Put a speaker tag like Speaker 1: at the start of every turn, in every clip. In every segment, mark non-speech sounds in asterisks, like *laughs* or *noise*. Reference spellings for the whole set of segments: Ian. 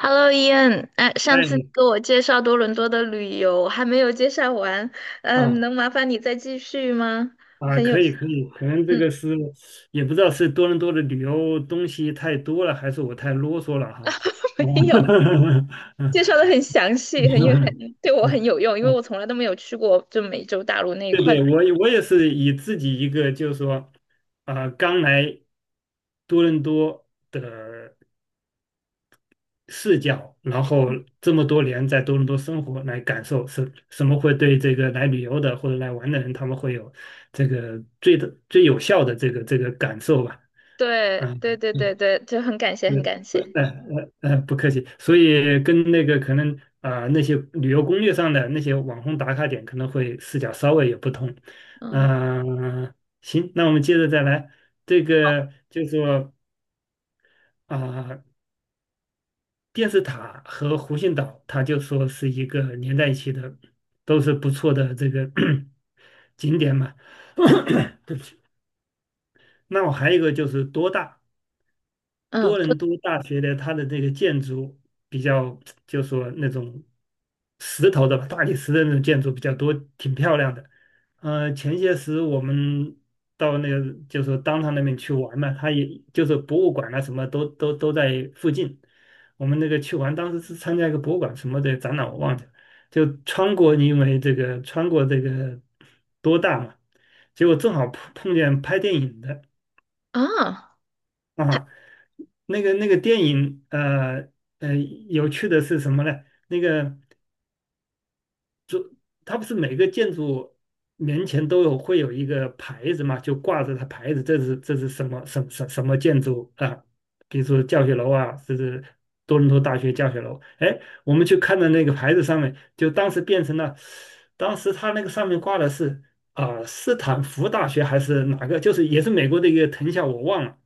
Speaker 1: Hello, Ian，哎，
Speaker 2: 哎，
Speaker 1: 上次你给我介绍多伦多的旅游还没有介绍完，嗯，
Speaker 2: 啊
Speaker 1: 能麻烦你再继续吗？很有，
Speaker 2: 可以可以，可能这
Speaker 1: 嗯，
Speaker 2: 个是也不知道是多伦多的旅游东西太多了，还是我太啰嗦了哈。
Speaker 1: *laughs* 没有，
Speaker 2: 啊
Speaker 1: 介绍的很详细，很有很对我很有用，因为
Speaker 2: *laughs*，
Speaker 1: 我从来都没有去过就美洲大陆那一
Speaker 2: 对
Speaker 1: 块。
Speaker 2: 对，我也是以自己一个就是说，刚来多伦多的视角，然后
Speaker 1: 嗯，
Speaker 2: 这么多年在多伦多生活来感受什么会对这个来旅游的或者来玩的人，他们会有最有效的这个感受吧。
Speaker 1: 对
Speaker 2: 嗯
Speaker 1: 对对
Speaker 2: 嗯
Speaker 1: 对对，就很感谢，很
Speaker 2: 嗯，
Speaker 1: 感
Speaker 2: 不，
Speaker 1: 谢。
Speaker 2: 不客气。所以跟那个可能那些旅游攻略上的那些网红打卡点，可能会视角稍微有不同。
Speaker 1: 嗯
Speaker 2: 嗯，行，那我们接着再来。这个就说啊、电视塔和湖心岛，它就说是一个连在一起的，都是不错的这个 *clears throat* 景点嘛。那我还有一个就是多大。
Speaker 1: 嗯，
Speaker 2: 多
Speaker 1: 对
Speaker 2: 伦多大学的它的这个建筑比较，就说那种石头的吧大理石的那种建筑比较多，挺漂亮的。前些时我们到那个就是当趟那边去玩嘛，它也就是博物馆啊什么都在附近。我们那个去玩，当时是参加一个博物馆什么的展览，我忘记了。就穿过，因为这个穿过这个多大嘛，结果正好碰见拍电影的。
Speaker 1: 啊
Speaker 2: 啊。那个电影，呃，有趣的是什么呢？那个它不是每个建筑面前都有会有一个牌子嘛，就挂着它牌子，这是什么什么建筑啊？比如说教学楼啊，这是多伦多大学教学楼。哎，我们去看的那个牌子上面，就当时变成了，当时它那个上面挂的是斯坦福大学还是哪个？就是也是美国的一个藤校，我忘了。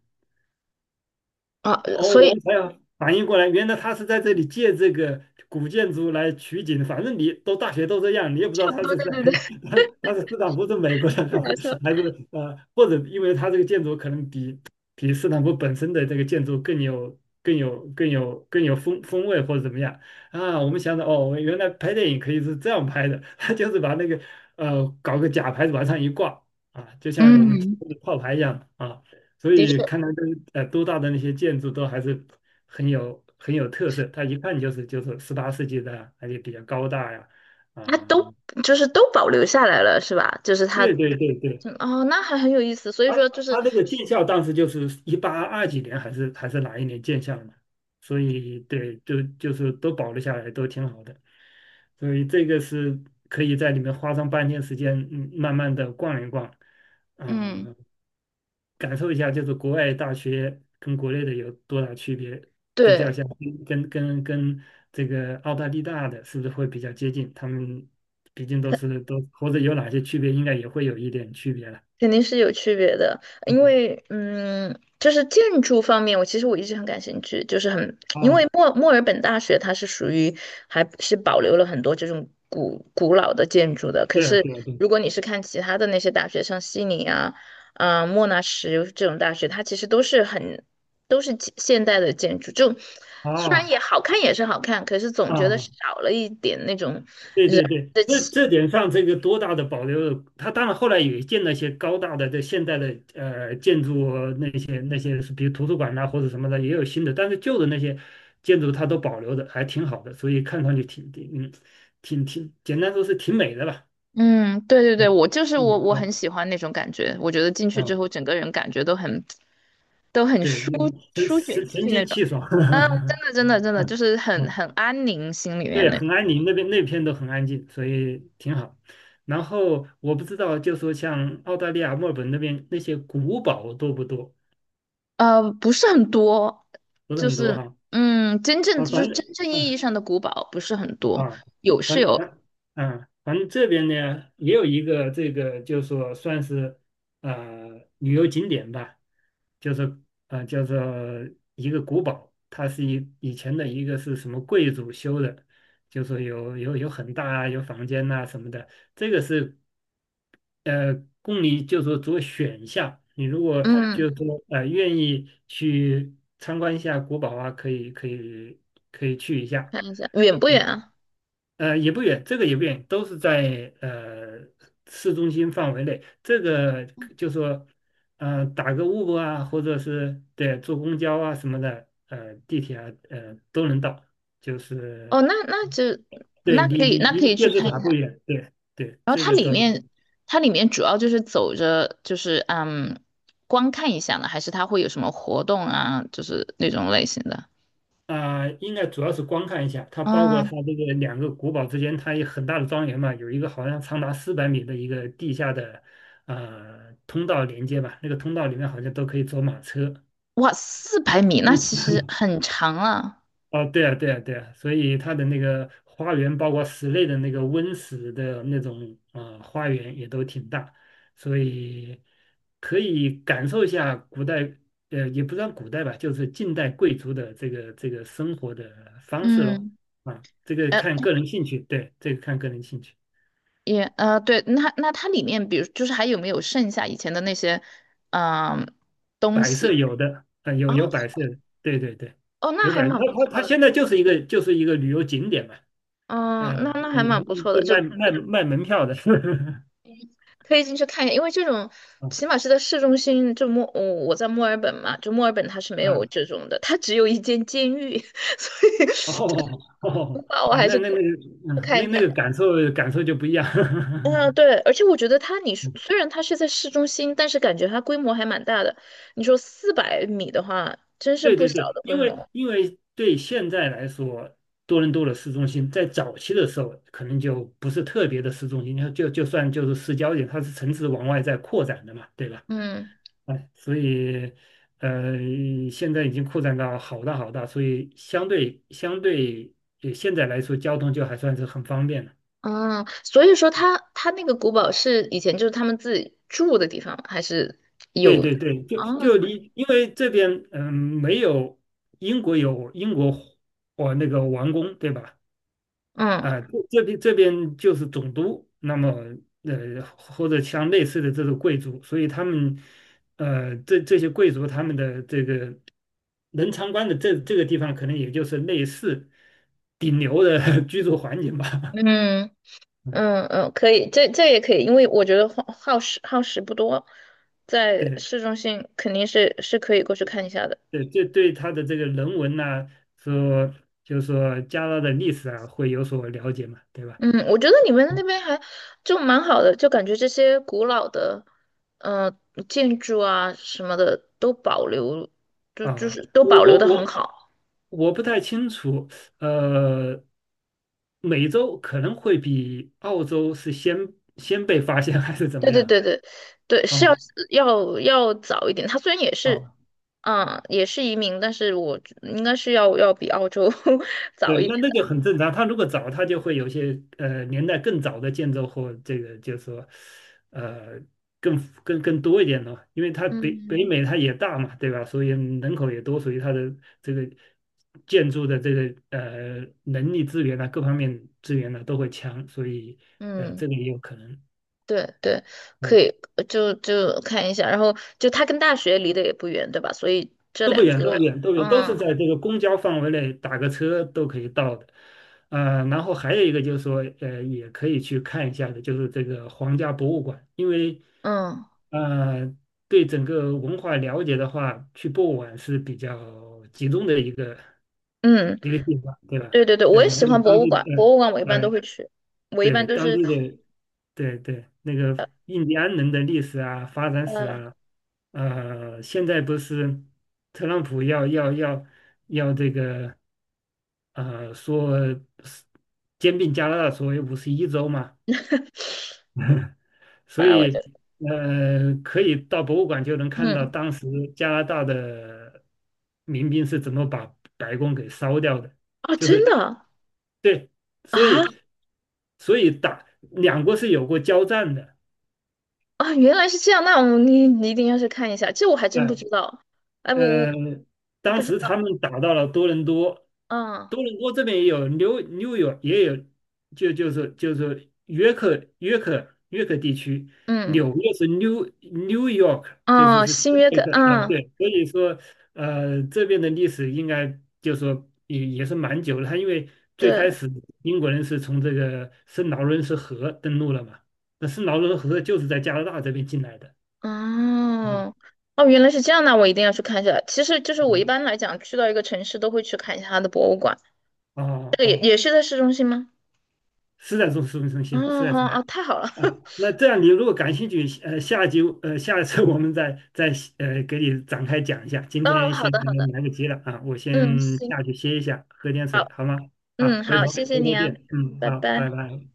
Speaker 1: 啊，
Speaker 2: 哦，
Speaker 1: 所
Speaker 2: 我
Speaker 1: 以
Speaker 2: 们才要反应过来，原来他是在这里借这个古建筑来取景。反正你都大学都这样，你也不知道他
Speaker 1: 对
Speaker 2: 是在
Speaker 1: 对对对，
Speaker 2: *laughs* 他是斯坦福是美国的，
Speaker 1: 太
Speaker 2: 还
Speaker 1: 搞笑
Speaker 2: 是
Speaker 1: 了。
Speaker 2: 还是呃，或者因为他这个建筑可能比斯坦福本身的这个建筑更有风味或者怎么样啊？我们想着哦，原来拍电影可以是这样拍的，*laughs* 他就是把那个搞个假牌子往上一挂啊，就像我们今
Speaker 1: 嗯，
Speaker 2: 天的套牌一样啊。所
Speaker 1: 的
Speaker 2: 以
Speaker 1: 确，
Speaker 2: 看到这都大的那些建筑都还是很有特色，它一看就是18世纪的啊，而且比较高大呀。啊、
Speaker 1: 它都就是都保留下来了，是吧？就是他，
Speaker 2: 对对对对，
Speaker 1: 嗯哦，那还很有意思。所以
Speaker 2: 它
Speaker 1: 说，就是
Speaker 2: 它这个建校当时就是一八二几年还是哪一年建校呢？所以对，就就是都保留下来，都挺好的，所以这个是可以在里面花上半天时间，嗯，慢慢的逛一逛，
Speaker 1: 嗯
Speaker 2: 啊、感受一下，就是国外大学跟国内的有多大区别，比较
Speaker 1: 对，
Speaker 2: 下，跟这个澳大利亚的，是不是会比较接近？他们毕竟都是都或者有哪些区别，应该也会有一点区别了。
Speaker 1: 肯定是有区别的，因
Speaker 2: 嗯，
Speaker 1: 为嗯，就是建筑方面，我其实我一直很感兴趣，就是很，因
Speaker 2: 啊，
Speaker 1: 为墨尔本大学它是属于还是保留了很多这种古老的建筑的，可
Speaker 2: 对啊，
Speaker 1: 是
Speaker 2: 对啊，对
Speaker 1: 如果你是看其他的那些大学，像悉尼啊、莫纳什这种大学，它其实都是很都是现代的建筑，就
Speaker 2: 啊，
Speaker 1: 虽然
Speaker 2: 哦
Speaker 1: 也好看也是好看，可是总觉得
Speaker 2: 啊，
Speaker 1: 少了一点那种。
Speaker 2: 对
Speaker 1: 人
Speaker 2: 对对。
Speaker 1: 的。
Speaker 2: 这点上这个多大的保留？它当然后来也建了一些高大的这现代的建筑那些是，比如图书馆呐、或者什么的也有新的，但是旧的那些建筑它都保留的还挺好的，所以看上去挺挺嗯挺挺简单说是挺美的吧。
Speaker 1: 嗯，对对对，
Speaker 2: 嗯
Speaker 1: 我就是我，
Speaker 2: 嗯
Speaker 1: 我很
Speaker 2: 嗯，
Speaker 1: 喜欢那种感觉。我觉得进去之
Speaker 2: 嗯
Speaker 1: 后，整个人感觉都很都很
Speaker 2: 对，
Speaker 1: 舒
Speaker 2: 神
Speaker 1: 舒卷
Speaker 2: 神神
Speaker 1: 气那
Speaker 2: 清
Speaker 1: 种，
Speaker 2: 气爽。*laughs*
Speaker 1: 真的真的真的就
Speaker 2: 嗯
Speaker 1: 是很
Speaker 2: 嗯
Speaker 1: 很安宁，心里面
Speaker 2: 对，
Speaker 1: 那种
Speaker 2: 很安宁，那边那片都很安静，所以挺好。然后我不知道，就说像澳大利亚墨尔本那边那些古堡多不多？
Speaker 1: 不是很多，
Speaker 2: 不是
Speaker 1: 就
Speaker 2: 很多
Speaker 1: 是
Speaker 2: 哈。
Speaker 1: 嗯，真正
Speaker 2: 啊，
Speaker 1: 就是
Speaker 2: 反正
Speaker 1: 真正意义
Speaker 2: 啊。
Speaker 1: 上的古堡不是很多，
Speaker 2: 啊，
Speaker 1: 有是
Speaker 2: 反
Speaker 1: 有，
Speaker 2: 反反正这边呢也有一个这个，就是说算是旅游景点吧，就是叫做一个古堡，它是以前的一个是什么贵族修的，就说有很大啊，有房间呐、什么的，这个是呃供你就说做选项，你如果
Speaker 1: 嗯，
Speaker 2: 就是说愿意去参观一下古堡啊，可以去一下。
Speaker 1: 看一下远不
Speaker 2: 啊
Speaker 1: 远啊？
Speaker 2: 呃，也不远，这个也不远，都是在市中心范围内。这个就说，打个 Uber 啊，或者是对坐公交啊什么的，地铁啊，都能到。就是
Speaker 1: 哦，那那就
Speaker 2: 对
Speaker 1: 那
Speaker 2: 离
Speaker 1: 可以
Speaker 2: 离
Speaker 1: 那可
Speaker 2: 离
Speaker 1: 以
Speaker 2: 电
Speaker 1: 去
Speaker 2: 视
Speaker 1: 看。
Speaker 2: 塔不远，对对，
Speaker 1: 然后
Speaker 2: 这
Speaker 1: 它
Speaker 2: 个
Speaker 1: 里
Speaker 2: 都
Speaker 1: 面，它里面主要就是走着，就是嗯，光看一下呢，还是它会有什么活动啊，就是那种类型的。
Speaker 2: 应该主要是观看一下，它包括它
Speaker 1: 嗯，
Speaker 2: 这个两个古堡之间，它有很大的庄园嘛，有一个好像长达400米的一个地下的通道连接吧，那个通道里面好像都可以坐马车。
Speaker 1: 哇，四百米，那其实
Speaker 2: *laughs*
Speaker 1: 很长了。
Speaker 2: 哦，对啊，对啊，对啊，所以它的那个花园，包括室内的那个温室的那种花园也都挺大，所以可以感受一下古代，也不算古代吧，就是近代贵族的这个这个生活的方式咯。
Speaker 1: 嗯，
Speaker 2: 啊，这个
Speaker 1: 呃
Speaker 2: 看个人兴趣，对，这个看个人兴趣。
Speaker 1: 也，对，那那它里面，比如就是还有没有剩下以前的那些，嗯，东
Speaker 2: 摆设
Speaker 1: 西？
Speaker 2: 有的，啊，有
Speaker 1: 哦
Speaker 2: 有摆设，对对对，
Speaker 1: 哦，那
Speaker 2: 有
Speaker 1: 还
Speaker 2: 摆设。
Speaker 1: 蛮不
Speaker 2: 它它
Speaker 1: 错
Speaker 2: 它
Speaker 1: 的。
Speaker 2: 现在就是一个旅游景点嘛，呃，
Speaker 1: 嗯，
Speaker 2: 呃
Speaker 1: 那那还蛮不错的，
Speaker 2: 就卖
Speaker 1: 就
Speaker 2: 卖卖门票的，*laughs*
Speaker 1: 可以进去看一下，因为这种
Speaker 2: 嗯
Speaker 1: 起码是在市中心，就墨，我我在墨尔本嘛，就墨尔本它是没有
Speaker 2: 嗯，
Speaker 1: 这种的，它只有一间监狱，*laughs* 所以这
Speaker 2: 哦
Speaker 1: 是
Speaker 2: 哦
Speaker 1: 的话，我
Speaker 2: 哦，
Speaker 1: 还
Speaker 2: 那
Speaker 1: 是
Speaker 2: 那那
Speaker 1: 可以
Speaker 2: 个，
Speaker 1: 去
Speaker 2: 嗯，
Speaker 1: 看一
Speaker 2: 那
Speaker 1: 下
Speaker 2: 那
Speaker 1: 的。
Speaker 2: 个感受感受就不一样，
Speaker 1: 嗯，
Speaker 2: *laughs*
Speaker 1: 对，而且我觉得它，你说
Speaker 2: 嗯
Speaker 1: 虽然它是在市中心，但是感觉它规模还蛮大的。你说四百米的话，真是
Speaker 2: 对
Speaker 1: 不
Speaker 2: 对
Speaker 1: 小
Speaker 2: 对。
Speaker 1: 的规
Speaker 2: 因为
Speaker 1: 模。
Speaker 2: 因为对现在来说，多伦多的市中心在早期的时候，可能就不是特别的市中心，就算就是市郊点，它是城市往外在扩展的嘛，对吧？
Speaker 1: 嗯
Speaker 2: 哎，所以呃，现在已经扩展到好大好大，所以相对现在来说，交通就还算是很方便的。
Speaker 1: 嗯，所以说它它那个古堡是以前就是他们自己住的地方，还是
Speaker 2: 对
Speaker 1: 有
Speaker 2: 对对，就
Speaker 1: 啊？
Speaker 2: 就离，因为这边没有英国有英国哦那个王宫对吧？
Speaker 1: 嗯
Speaker 2: 啊，这边就是总督，那么或者像类似的这种贵族，所以他们这些贵族他们的这个能参观的这个地方，可能也就是类似顶流的 *laughs* 居住环境吧。
Speaker 1: 嗯。
Speaker 2: 嗯，
Speaker 1: 嗯嗯，可以，这这也可以，因为我觉得耗时耗时不多，
Speaker 2: *laughs*
Speaker 1: 在
Speaker 2: 对
Speaker 1: 市中心肯定是是可以过去看一下的。
Speaker 2: 对，这对他的这个人文呐、说就是说加拿大的历史啊，会有所了解嘛，对吧？
Speaker 1: 嗯，我觉得你们那边还就蛮好的，就感觉这些古老的呃建筑啊什么的都保留，就就
Speaker 2: 啊，
Speaker 1: 是都
Speaker 2: 我
Speaker 1: 保留
Speaker 2: 我
Speaker 1: 的很
Speaker 2: 我
Speaker 1: 好。
Speaker 2: 我不太清楚，呃，美洲可能会比澳洲是先被发现还是怎
Speaker 1: 对
Speaker 2: 么
Speaker 1: 对
Speaker 2: 样？
Speaker 1: 对对对，是
Speaker 2: 哦
Speaker 1: 要要要早一点。它虽然也是
Speaker 2: 哦，
Speaker 1: 嗯也是移民，但是我应该是要要比澳洲 *laughs*
Speaker 2: 对，
Speaker 1: 早一点。
Speaker 2: 那就很正常。他如果早，他就会有些年代更早的建筑或这个就是说呃更更多一点了，因为它北
Speaker 1: 嗯
Speaker 2: 北美它也大嘛，对吧？所以人口也多，所以它的这个建筑的这个能力资源啊，各方面资源呢、都会强，所以
Speaker 1: 嗯。
Speaker 2: 这个也有可能。
Speaker 1: 对对，可
Speaker 2: 嗯，
Speaker 1: 以，就就看一下，然后就它跟大学离得也不远，对吧？所以这
Speaker 2: 都不
Speaker 1: 两
Speaker 2: 远，都
Speaker 1: 个，
Speaker 2: 不远，都不远，都是
Speaker 1: 嗯
Speaker 2: 在这个公交范围内，打个车都可以到的。然后还有一个就是说，也可以去看一下的，就是这个皇家博物馆，因为
Speaker 1: 嗯
Speaker 2: 呃，对整个文化了解的话，去博物馆是比较集中的一个
Speaker 1: 嗯，
Speaker 2: 一个地方，对吧？
Speaker 1: 对对对，我也
Speaker 2: 了
Speaker 1: 喜
Speaker 2: 解
Speaker 1: 欢博
Speaker 2: 当
Speaker 1: 物
Speaker 2: 地
Speaker 1: 馆，
Speaker 2: 的，
Speaker 1: 博物馆我一
Speaker 2: 呃，
Speaker 1: 般都
Speaker 2: 呃
Speaker 1: 会去，我一般
Speaker 2: 对
Speaker 1: 都
Speaker 2: 当
Speaker 1: 是
Speaker 2: 地的，对对，那个印第安人的历史啊、发展史
Speaker 1: 呃
Speaker 2: 啊，现在不是特朗普要这个说是兼并加拿大所谓51州嘛，*laughs* 所
Speaker 1: 范我
Speaker 2: 以
Speaker 1: 的，
Speaker 2: 可以到博物馆就能看到
Speaker 1: 嗯
Speaker 2: 当时加拿大的民兵是怎么把白宫给烧掉的，
Speaker 1: 啊，
Speaker 2: 就
Speaker 1: 真
Speaker 2: 是
Speaker 1: 的
Speaker 2: 对，所
Speaker 1: 啊
Speaker 2: 以所以打两国是有过交战的。
Speaker 1: 啊，原来是这样，那我你你一定要去看一下，这我还真不知
Speaker 2: 哎
Speaker 1: 道，哎，我
Speaker 2: 嗯，
Speaker 1: 我
Speaker 2: 当
Speaker 1: 不知
Speaker 2: 时
Speaker 1: 道，
Speaker 2: 他们打到了多伦多，
Speaker 1: 嗯
Speaker 2: 多伦多这边也有，New York 也有，就是约克地区，
Speaker 1: 嗯
Speaker 2: 纽约是 New York，就是
Speaker 1: 哦，
Speaker 2: 是新
Speaker 1: 新约
Speaker 2: 约
Speaker 1: 克，
Speaker 2: 克啊，
Speaker 1: 嗯，
Speaker 2: 对，所以说这边的历史应该就说也是蛮久了，他因为最开
Speaker 1: 对。
Speaker 2: 始英国人是从这个圣劳伦斯河登陆了嘛，那圣劳伦斯河就是在加拿大这边进来的。
Speaker 1: 哦，
Speaker 2: 啊
Speaker 1: 哦，原来是这样，那我一定要去看一下。其实就是我一
Speaker 2: 啊
Speaker 1: 般来讲，去到一个城市都会去看一下它的博物馆。这
Speaker 2: 哦哦，
Speaker 1: 个也
Speaker 2: 啊
Speaker 1: 也是在市中心吗？
Speaker 2: 是在市中心，是
Speaker 1: 哦，
Speaker 2: 在
Speaker 1: 好
Speaker 2: 中
Speaker 1: 啊，太好了。
Speaker 2: 啊。
Speaker 1: *laughs*
Speaker 2: 那这样，你如果感兴趣，下一次 *laughs* 我们再给你展开讲一下。今
Speaker 1: 哦，
Speaker 2: 天
Speaker 1: 好
Speaker 2: 先
Speaker 1: 的，
Speaker 2: 可
Speaker 1: 好
Speaker 2: 能
Speaker 1: 的，
Speaker 2: 来不及了啊，我先
Speaker 1: 嗯，行，
Speaker 2: 下去歇一下，喝点水，
Speaker 1: 好，
Speaker 2: 好吗？好，
Speaker 1: 嗯，
Speaker 2: 回
Speaker 1: 好，
Speaker 2: 头
Speaker 1: 谢谢
Speaker 2: 回
Speaker 1: 你
Speaker 2: 头
Speaker 1: 啊，
Speaker 2: 见。嗯，
Speaker 1: 拜
Speaker 2: 好，拜
Speaker 1: 拜。
Speaker 2: 拜。